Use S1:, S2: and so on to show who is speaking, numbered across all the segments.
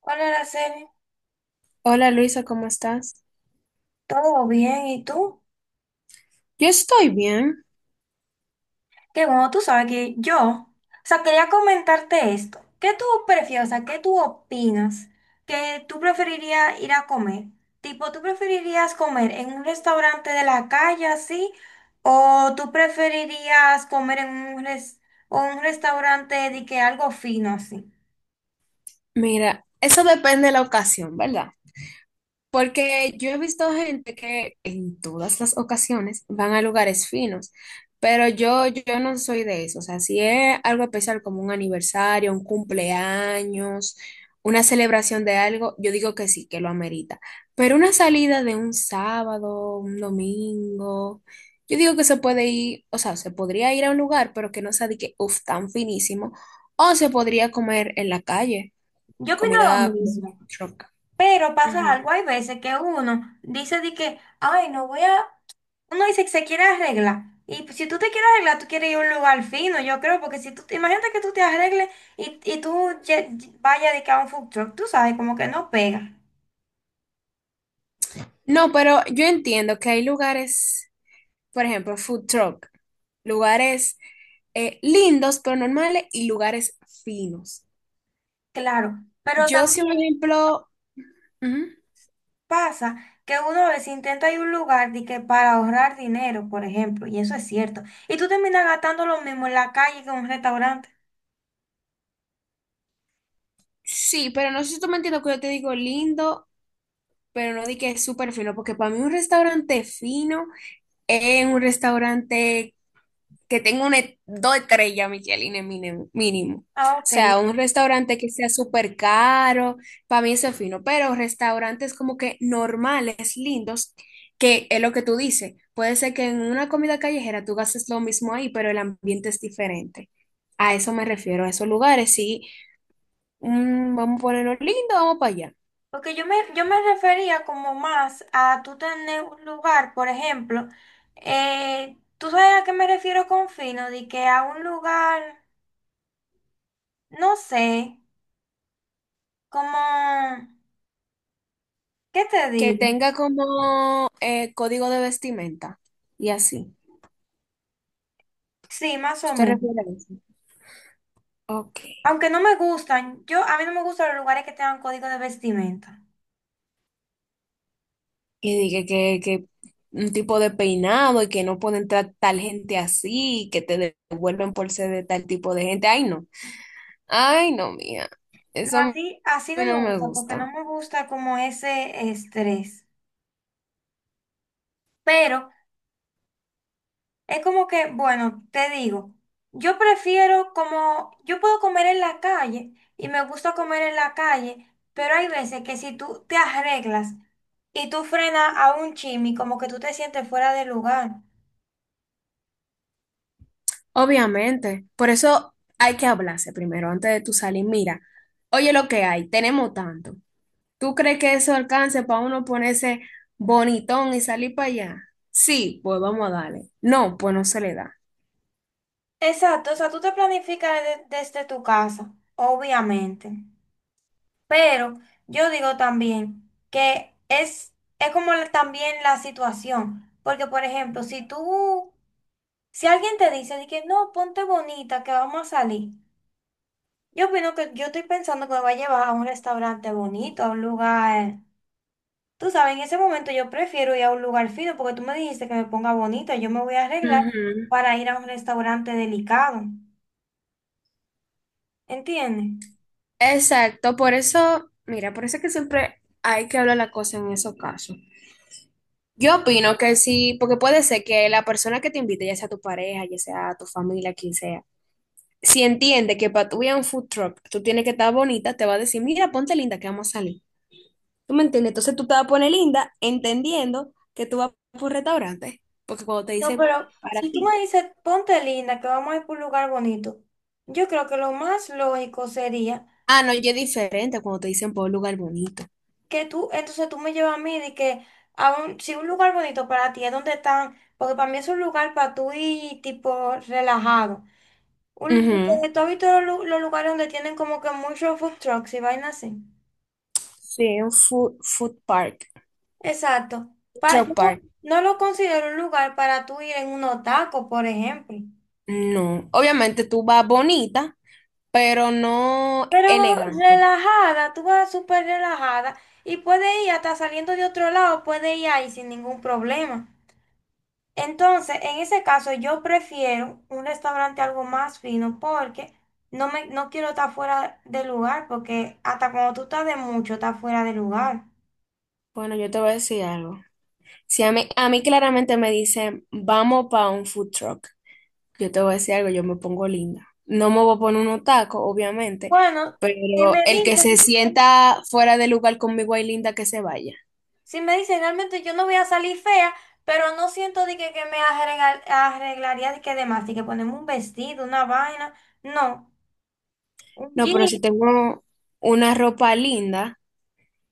S1: Hola, Araceli.
S2: Hola Luisa, ¿cómo estás?
S1: ¿Todo bien? ¿Y tú?
S2: Yo estoy bien.
S1: Qué bueno, tú sabes que yo, o sea, quería comentarte esto. ¿Qué tú prefieres? O sea, ¿qué tú opinas? ¿Que tú preferirías ir a comer? Tipo, ¿tú preferirías comer en un restaurante de la calle así? ¿O tú preferirías comer en un, res- o un restaurante de que algo fino así?
S2: Mira, eso depende de la ocasión, ¿verdad? Porque yo he visto gente que en todas las ocasiones van a lugares finos, pero yo no soy de eso. O sea, si es algo especial como un aniversario, un cumpleaños, una celebración de algo, yo digo que sí, que lo amerita. Pero una salida de un sábado, un domingo, yo digo que se puede ir, o sea, se podría ir a un lugar, pero que no sea de que, uff, tan finísimo, o se podría comer en la calle,
S1: Yo opino lo
S2: comida como
S1: mismo,
S2: truck.
S1: pero pasa
S2: Ujú.
S1: algo, hay veces que uno dice de que, ay, no voy a. Uno dice que se quiere arreglar. Y pues, si tú te quieres arreglar, tú quieres ir a un lugar fino, yo creo, porque si tú, imagínate que tú te arregles y vayas de que a un food truck, tú sabes, como que no pega.
S2: No, pero yo entiendo que hay lugares, por ejemplo, food truck, lugares lindos pero normales y lugares finos.
S1: Claro, pero
S2: Yo sí, un
S1: también
S2: ejemplo, ujú,
S1: pasa que uno a veces intenta ir a un lugar de que para ahorrar dinero, por ejemplo, y eso es cierto. Y tú terminas gastando lo mismo en la calle que en un restaurante.
S2: sí, pero no sé si tú me entiendes que yo te digo lindo, pero no di que es súper fino, porque para mí un restaurante fino es un restaurante que tenga dos estrellas Michelin en mínimo. O
S1: Ah, ok.
S2: sea, un restaurante que sea súper caro, para mí eso es fino, pero restaurantes como que normales, lindos, que es lo que tú dices. Puede ser que en una comida callejera tú gastes lo mismo ahí, pero el ambiente es diferente. A eso me refiero, a esos lugares, sí. Mm, vamos a ponerlo lindo, vamos para allá.
S1: Porque yo me refería como más a tú tener un lugar, por ejemplo, tú sabes a qué me refiero con fino, de que a un lugar, no sé, como, ¿qué te
S2: Que
S1: digo?
S2: tenga como código de vestimenta y así.
S1: Sí, más
S2: ¿Tú
S1: o
S2: te
S1: menos.
S2: refieres a eso? Ok.
S1: Aunque no me gustan, a mí no me gustan los lugares que tengan código de vestimenta.
S2: Y dije que un tipo de peinado y que no pueden tratar tal gente así, y que te devuelven por ser de tal tipo de gente. Ay, no. Ay, no, mía.
S1: No,
S2: Eso a mí
S1: así no me
S2: no me
S1: gusta, porque no
S2: gusta.
S1: me gusta como ese estrés. Pero es como que, bueno, te digo, yo prefiero como, yo puedo comer en la calle y me gusta comer en la calle, pero hay veces que si tú te arreglas y tú frenas a un chimi, como que tú te sientes fuera de lugar.
S2: Obviamente. Por eso hay que hablarse primero antes de tu salir. Mira, oye lo que hay, tenemos tanto. ¿Tú crees que eso alcance para uno ponerse bonitón y salir para allá? Sí, pues vamos a darle. No, pues no se le da.
S1: Exacto, o sea, tú te planificas desde tu casa, obviamente. Pero yo digo también que es como también la situación, porque por ejemplo, si alguien te dice de que no, ponte bonita, que vamos a salir. Yo opino que yo estoy pensando que me va a llevar a un restaurante bonito, a un lugar. Tú sabes, en ese momento yo prefiero ir a un lugar fino porque tú me dijiste que me ponga bonito. Yo me voy a arreglar
S2: Ujú.
S1: para ir a un restaurante delicado. ¿Entiendes?
S2: Exacto, por eso, mira, por eso es que siempre hay que hablar la cosa en esos casos. Yo opino que sí, porque puede ser que la persona que te invite, ya sea tu pareja, ya sea tu familia, quien sea, si entiende que para tu ir a un food truck tú tienes que estar bonita, te va a decir, mira, ponte linda que vamos a salir. ¿Tú me entiendes? Entonces tú te vas a poner linda entendiendo que tú vas por un restaurante, porque cuando te
S1: No,
S2: dicen
S1: pero
S2: para
S1: si tú me
S2: ti.
S1: dices, ponte linda, que vamos a ir por un lugar bonito, yo creo que lo más lógico sería
S2: Ah, no, ya es diferente cuando te dicen por un lugar bonito.
S1: entonces tú me llevas a mí de que a si un lugar bonito para ti es donde están, porque para mí es un lugar para tú ir tipo relajado. Un,
S2: Ujú.
S1: ¿Tú has visto los lugares donde tienen como que muchos food trucks y vainas así?
S2: Sí, un food park,
S1: Exacto. Yo
S2: truck
S1: no,
S2: park.
S1: no lo considero un lugar para tú ir en unos tacos, por ejemplo.
S2: No, obviamente tú vas bonita, pero no
S1: Pero
S2: elegante.
S1: relajada, tú vas súper relajada y puedes ir hasta saliendo de otro lado, puedes ir ahí sin ningún problema. Entonces, en ese caso, yo prefiero un restaurante algo más fino porque no quiero estar fuera de lugar, porque hasta cuando tú estás de mucho, estás fuera de lugar.
S2: Bueno, yo te voy a decir algo. Si a mí claramente me dicen, vamos para un food truck, yo te voy a decir algo, yo me pongo linda. No me voy a poner unos tacos, obviamente,
S1: Bueno, si me
S2: pero el que
S1: dicen,
S2: se sienta fuera de lugar conmigo hay linda que se vaya.
S1: si me dicen realmente yo no voy a salir fea, pero no siento de que, me arreglaría de que demás, de que ponemos un vestido, una vaina, no, un
S2: No,
S1: jean,
S2: pero si tengo una ropa linda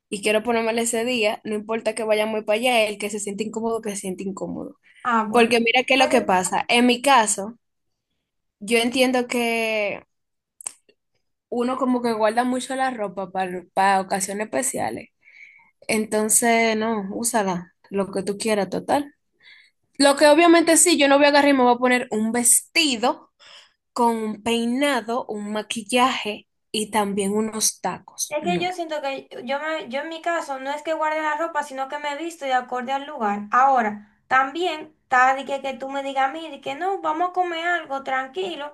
S2: y quiero ponérmela ese día, no importa que vaya muy para allá, el que se siente incómodo, que se siente incómodo.
S1: ah, bueno.
S2: Porque mira qué es lo que
S1: Pero
S2: pasa. En mi caso, yo entiendo que uno como que guarda mucho la ropa para ocasiones especiales. Entonces, no, úsala, lo que tú quieras, total. Lo que obviamente sí, yo no voy a agarrar y me voy a poner un vestido con un peinado, un maquillaje y también unos tacos.
S1: es que yo
S2: No.
S1: siento que yo en mi caso no es que guarde la ropa, sino que me visto de acorde al lugar. Ahora, también está de que tú me digas a mí de que no, vamos a comer algo tranquilo.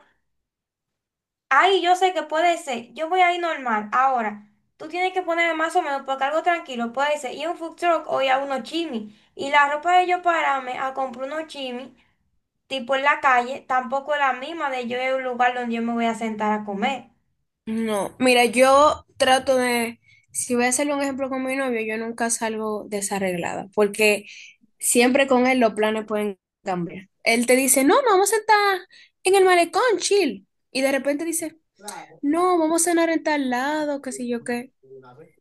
S1: Ahí yo sé que puede ser, yo voy ahí normal. Ahora, tú tienes que ponerme más o menos porque algo tranquilo, puede ser, y a un food truck o ir a unos chimis. Y la ropa de yo pararme a comprar unos chimis, tipo en la calle, tampoco es la misma de yo en un lugar donde yo me voy a sentar a comer.
S2: No, mira, yo trato de, si voy a hacerle un ejemplo con mi novio, yo nunca salgo desarreglada, porque siempre con él los planes pueden cambiar. Él te dice, no, no, vamos a estar en el malecón, chill. Y de repente dice, no, vamos a cenar en tal lado, qué sé yo qué.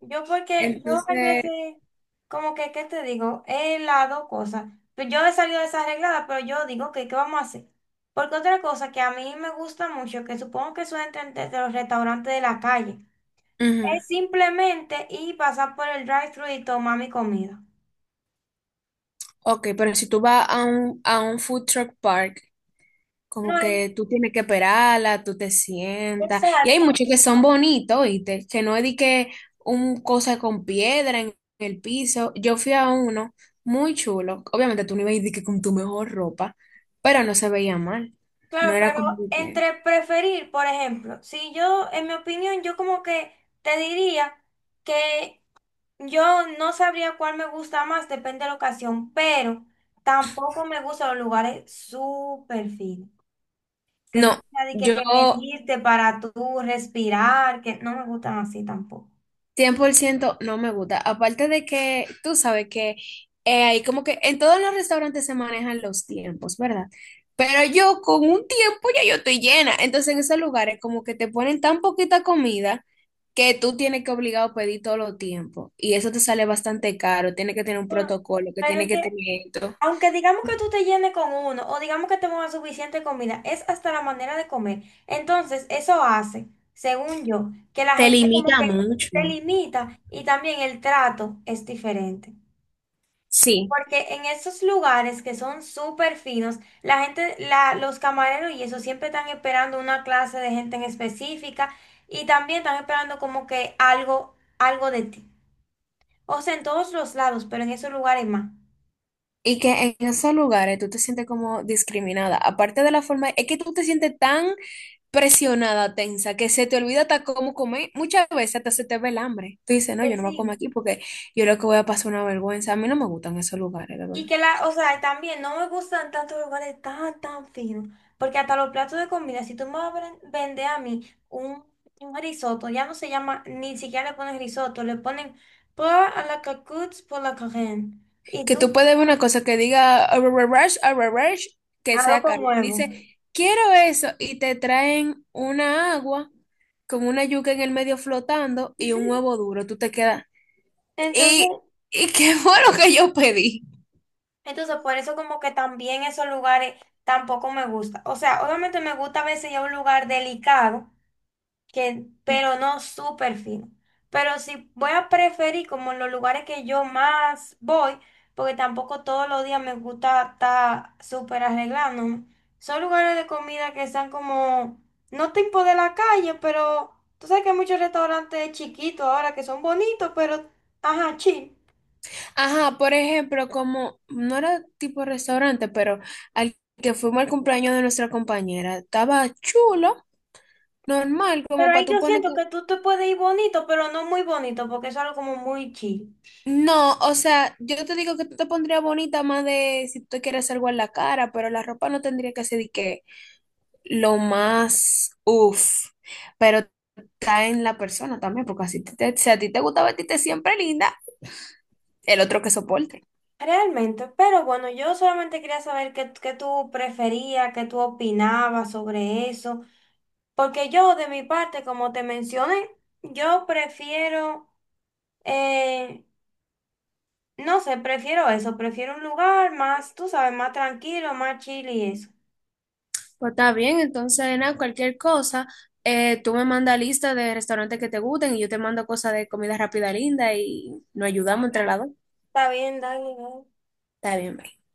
S1: Yo porque yo hay
S2: Entonces,
S1: veces, como que, ¿qué te digo? Es las dos cosas. Pues yo he salido desarreglada, pero yo digo, que ¿qué vamos a hacer? Porque otra cosa que a mí me gusta mucho, que supongo que suelen entre de los restaurantes de la calle.
S2: ujú,
S1: Es simplemente y pasar por el drive-thru y tomar mi comida.
S2: ok, pero si tú vas a a un food truck park,
S1: No
S2: como
S1: hay,
S2: que tú tienes que esperarla, tú te sientas. Y hay
S1: exacto.
S2: muchos que son bonitos, ¿oíste? Que no es de que un cosa con piedra en el piso. Yo fui a uno muy chulo. Obviamente tú no ibas a ir de que con tu mejor ropa, pero no se veía mal. No
S1: Claro,
S2: era
S1: pero
S2: como que...
S1: entre preferir, por ejemplo, si yo, en mi opinión, yo como que te diría que yo no sabría cuál me gusta más, depende de la ocasión, pero tampoco me gustan los lugares súper finos. Que tú
S2: No,
S1: tengas de que
S2: yo
S1: medirte para tú respirar, que no me gustan así tampoco.
S2: 100% no me gusta. Aparte de que tú sabes que hay como que en todos los restaurantes se manejan los tiempos, ¿verdad? Pero yo con un tiempo ya yo estoy llena. Entonces en esos lugares como que te ponen tan poquita comida que tú tienes que obligado a pedir todo los tiempo. Y eso te sale bastante caro. Tienes que tener un
S1: Bueno,
S2: protocolo, que
S1: pero
S2: tiene
S1: es
S2: que
S1: que
S2: tener esto.
S1: aunque digamos que tú te llenes con uno o digamos que te pongas suficiente comida, es hasta la manera de comer. Entonces, eso hace, según yo, que la
S2: Te
S1: gente como
S2: limita
S1: que se
S2: mucho.
S1: limita y también el trato es diferente.
S2: Sí.
S1: Porque en esos lugares que son súper finos, la gente, los camareros y eso siempre están esperando una clase de gente en específica y también están esperando como que algo, algo de ti. O sea, en todos los lados, pero en esos lugares más.
S2: Y que en esos lugares tú te sientes como discriminada. Aparte de la forma, es que tú te sientes tan presionada, tensa, que se te olvida hasta cómo comer. Muchas veces hasta se te ve el hambre. Tú dices, no,
S1: Que
S2: yo no me como
S1: sí.
S2: aquí porque yo lo que voy a pasar una vergüenza. A mí no me gustan esos lugares, de
S1: Y
S2: verdad.
S1: que o sea, también no me gustan tantos lugares tan, tan finos, porque hasta los platos de comida, si tú me vas a vender a mí un, risotto, ya no se llama, ni siquiera le ponen risotto, le ponen por a la cocotte por la carène, y
S2: Que
S1: tú
S2: tú puedes ver una cosa que diga, "Arrararash, arrararash", que
S1: arroz
S2: sea
S1: con
S2: caro. Tú
S1: huevo.
S2: dices, quiero eso. Y te traen una agua con una yuca en el medio flotando y un huevo duro. Tú te quedas. ¿Y,
S1: Entonces,
S2: y qué fue lo que yo pedí?
S1: entonces, por eso como que también esos lugares tampoco me gusta. O sea, obviamente me gusta a veces ir a un lugar delicado, pero no súper fino. Pero sí voy a preferir como en los lugares que yo más voy, porque tampoco todos los días me gusta estar súper arreglándome. Son lugares de comida que están como, no tipo de la calle, pero tú sabes que hay muchos restaurantes chiquitos ahora que son bonitos, pero, ajá, chill.
S2: Ajá, por ejemplo, como no era tipo restaurante, pero al que fuimos al cumpleaños de nuestra compañera, estaba chulo, normal,
S1: Pero
S2: como para
S1: ahí
S2: tú
S1: yo
S2: ponerte.
S1: siento que tú te puedes ir bonito, pero no muy bonito, porque es algo como muy chill.
S2: No, o sea, yo te digo que tú te pondrías bonita más de si tú quieres algo en la cara, pero la ropa no tendría que ser de que lo más uff, pero está en la persona también, porque así te, si a ti te gusta vestirte siempre linda, el otro que soporte.
S1: Realmente, pero bueno, yo solamente quería saber qué tú preferías, qué tú opinabas sobre eso, porque yo de mi parte, como te mencioné, yo prefiero, eh, no sé, prefiero eso, prefiero un lugar más, tú sabes, más tranquilo, más chill y eso.
S2: Pues está bien, entonces nada, cualquier cosa, tú me mandas lista de restaurantes que te gusten y yo te mando cosas de comida rápida linda y nos ayudamos entre las dos.
S1: Está bien, dale, dale.
S2: Está bien, bye.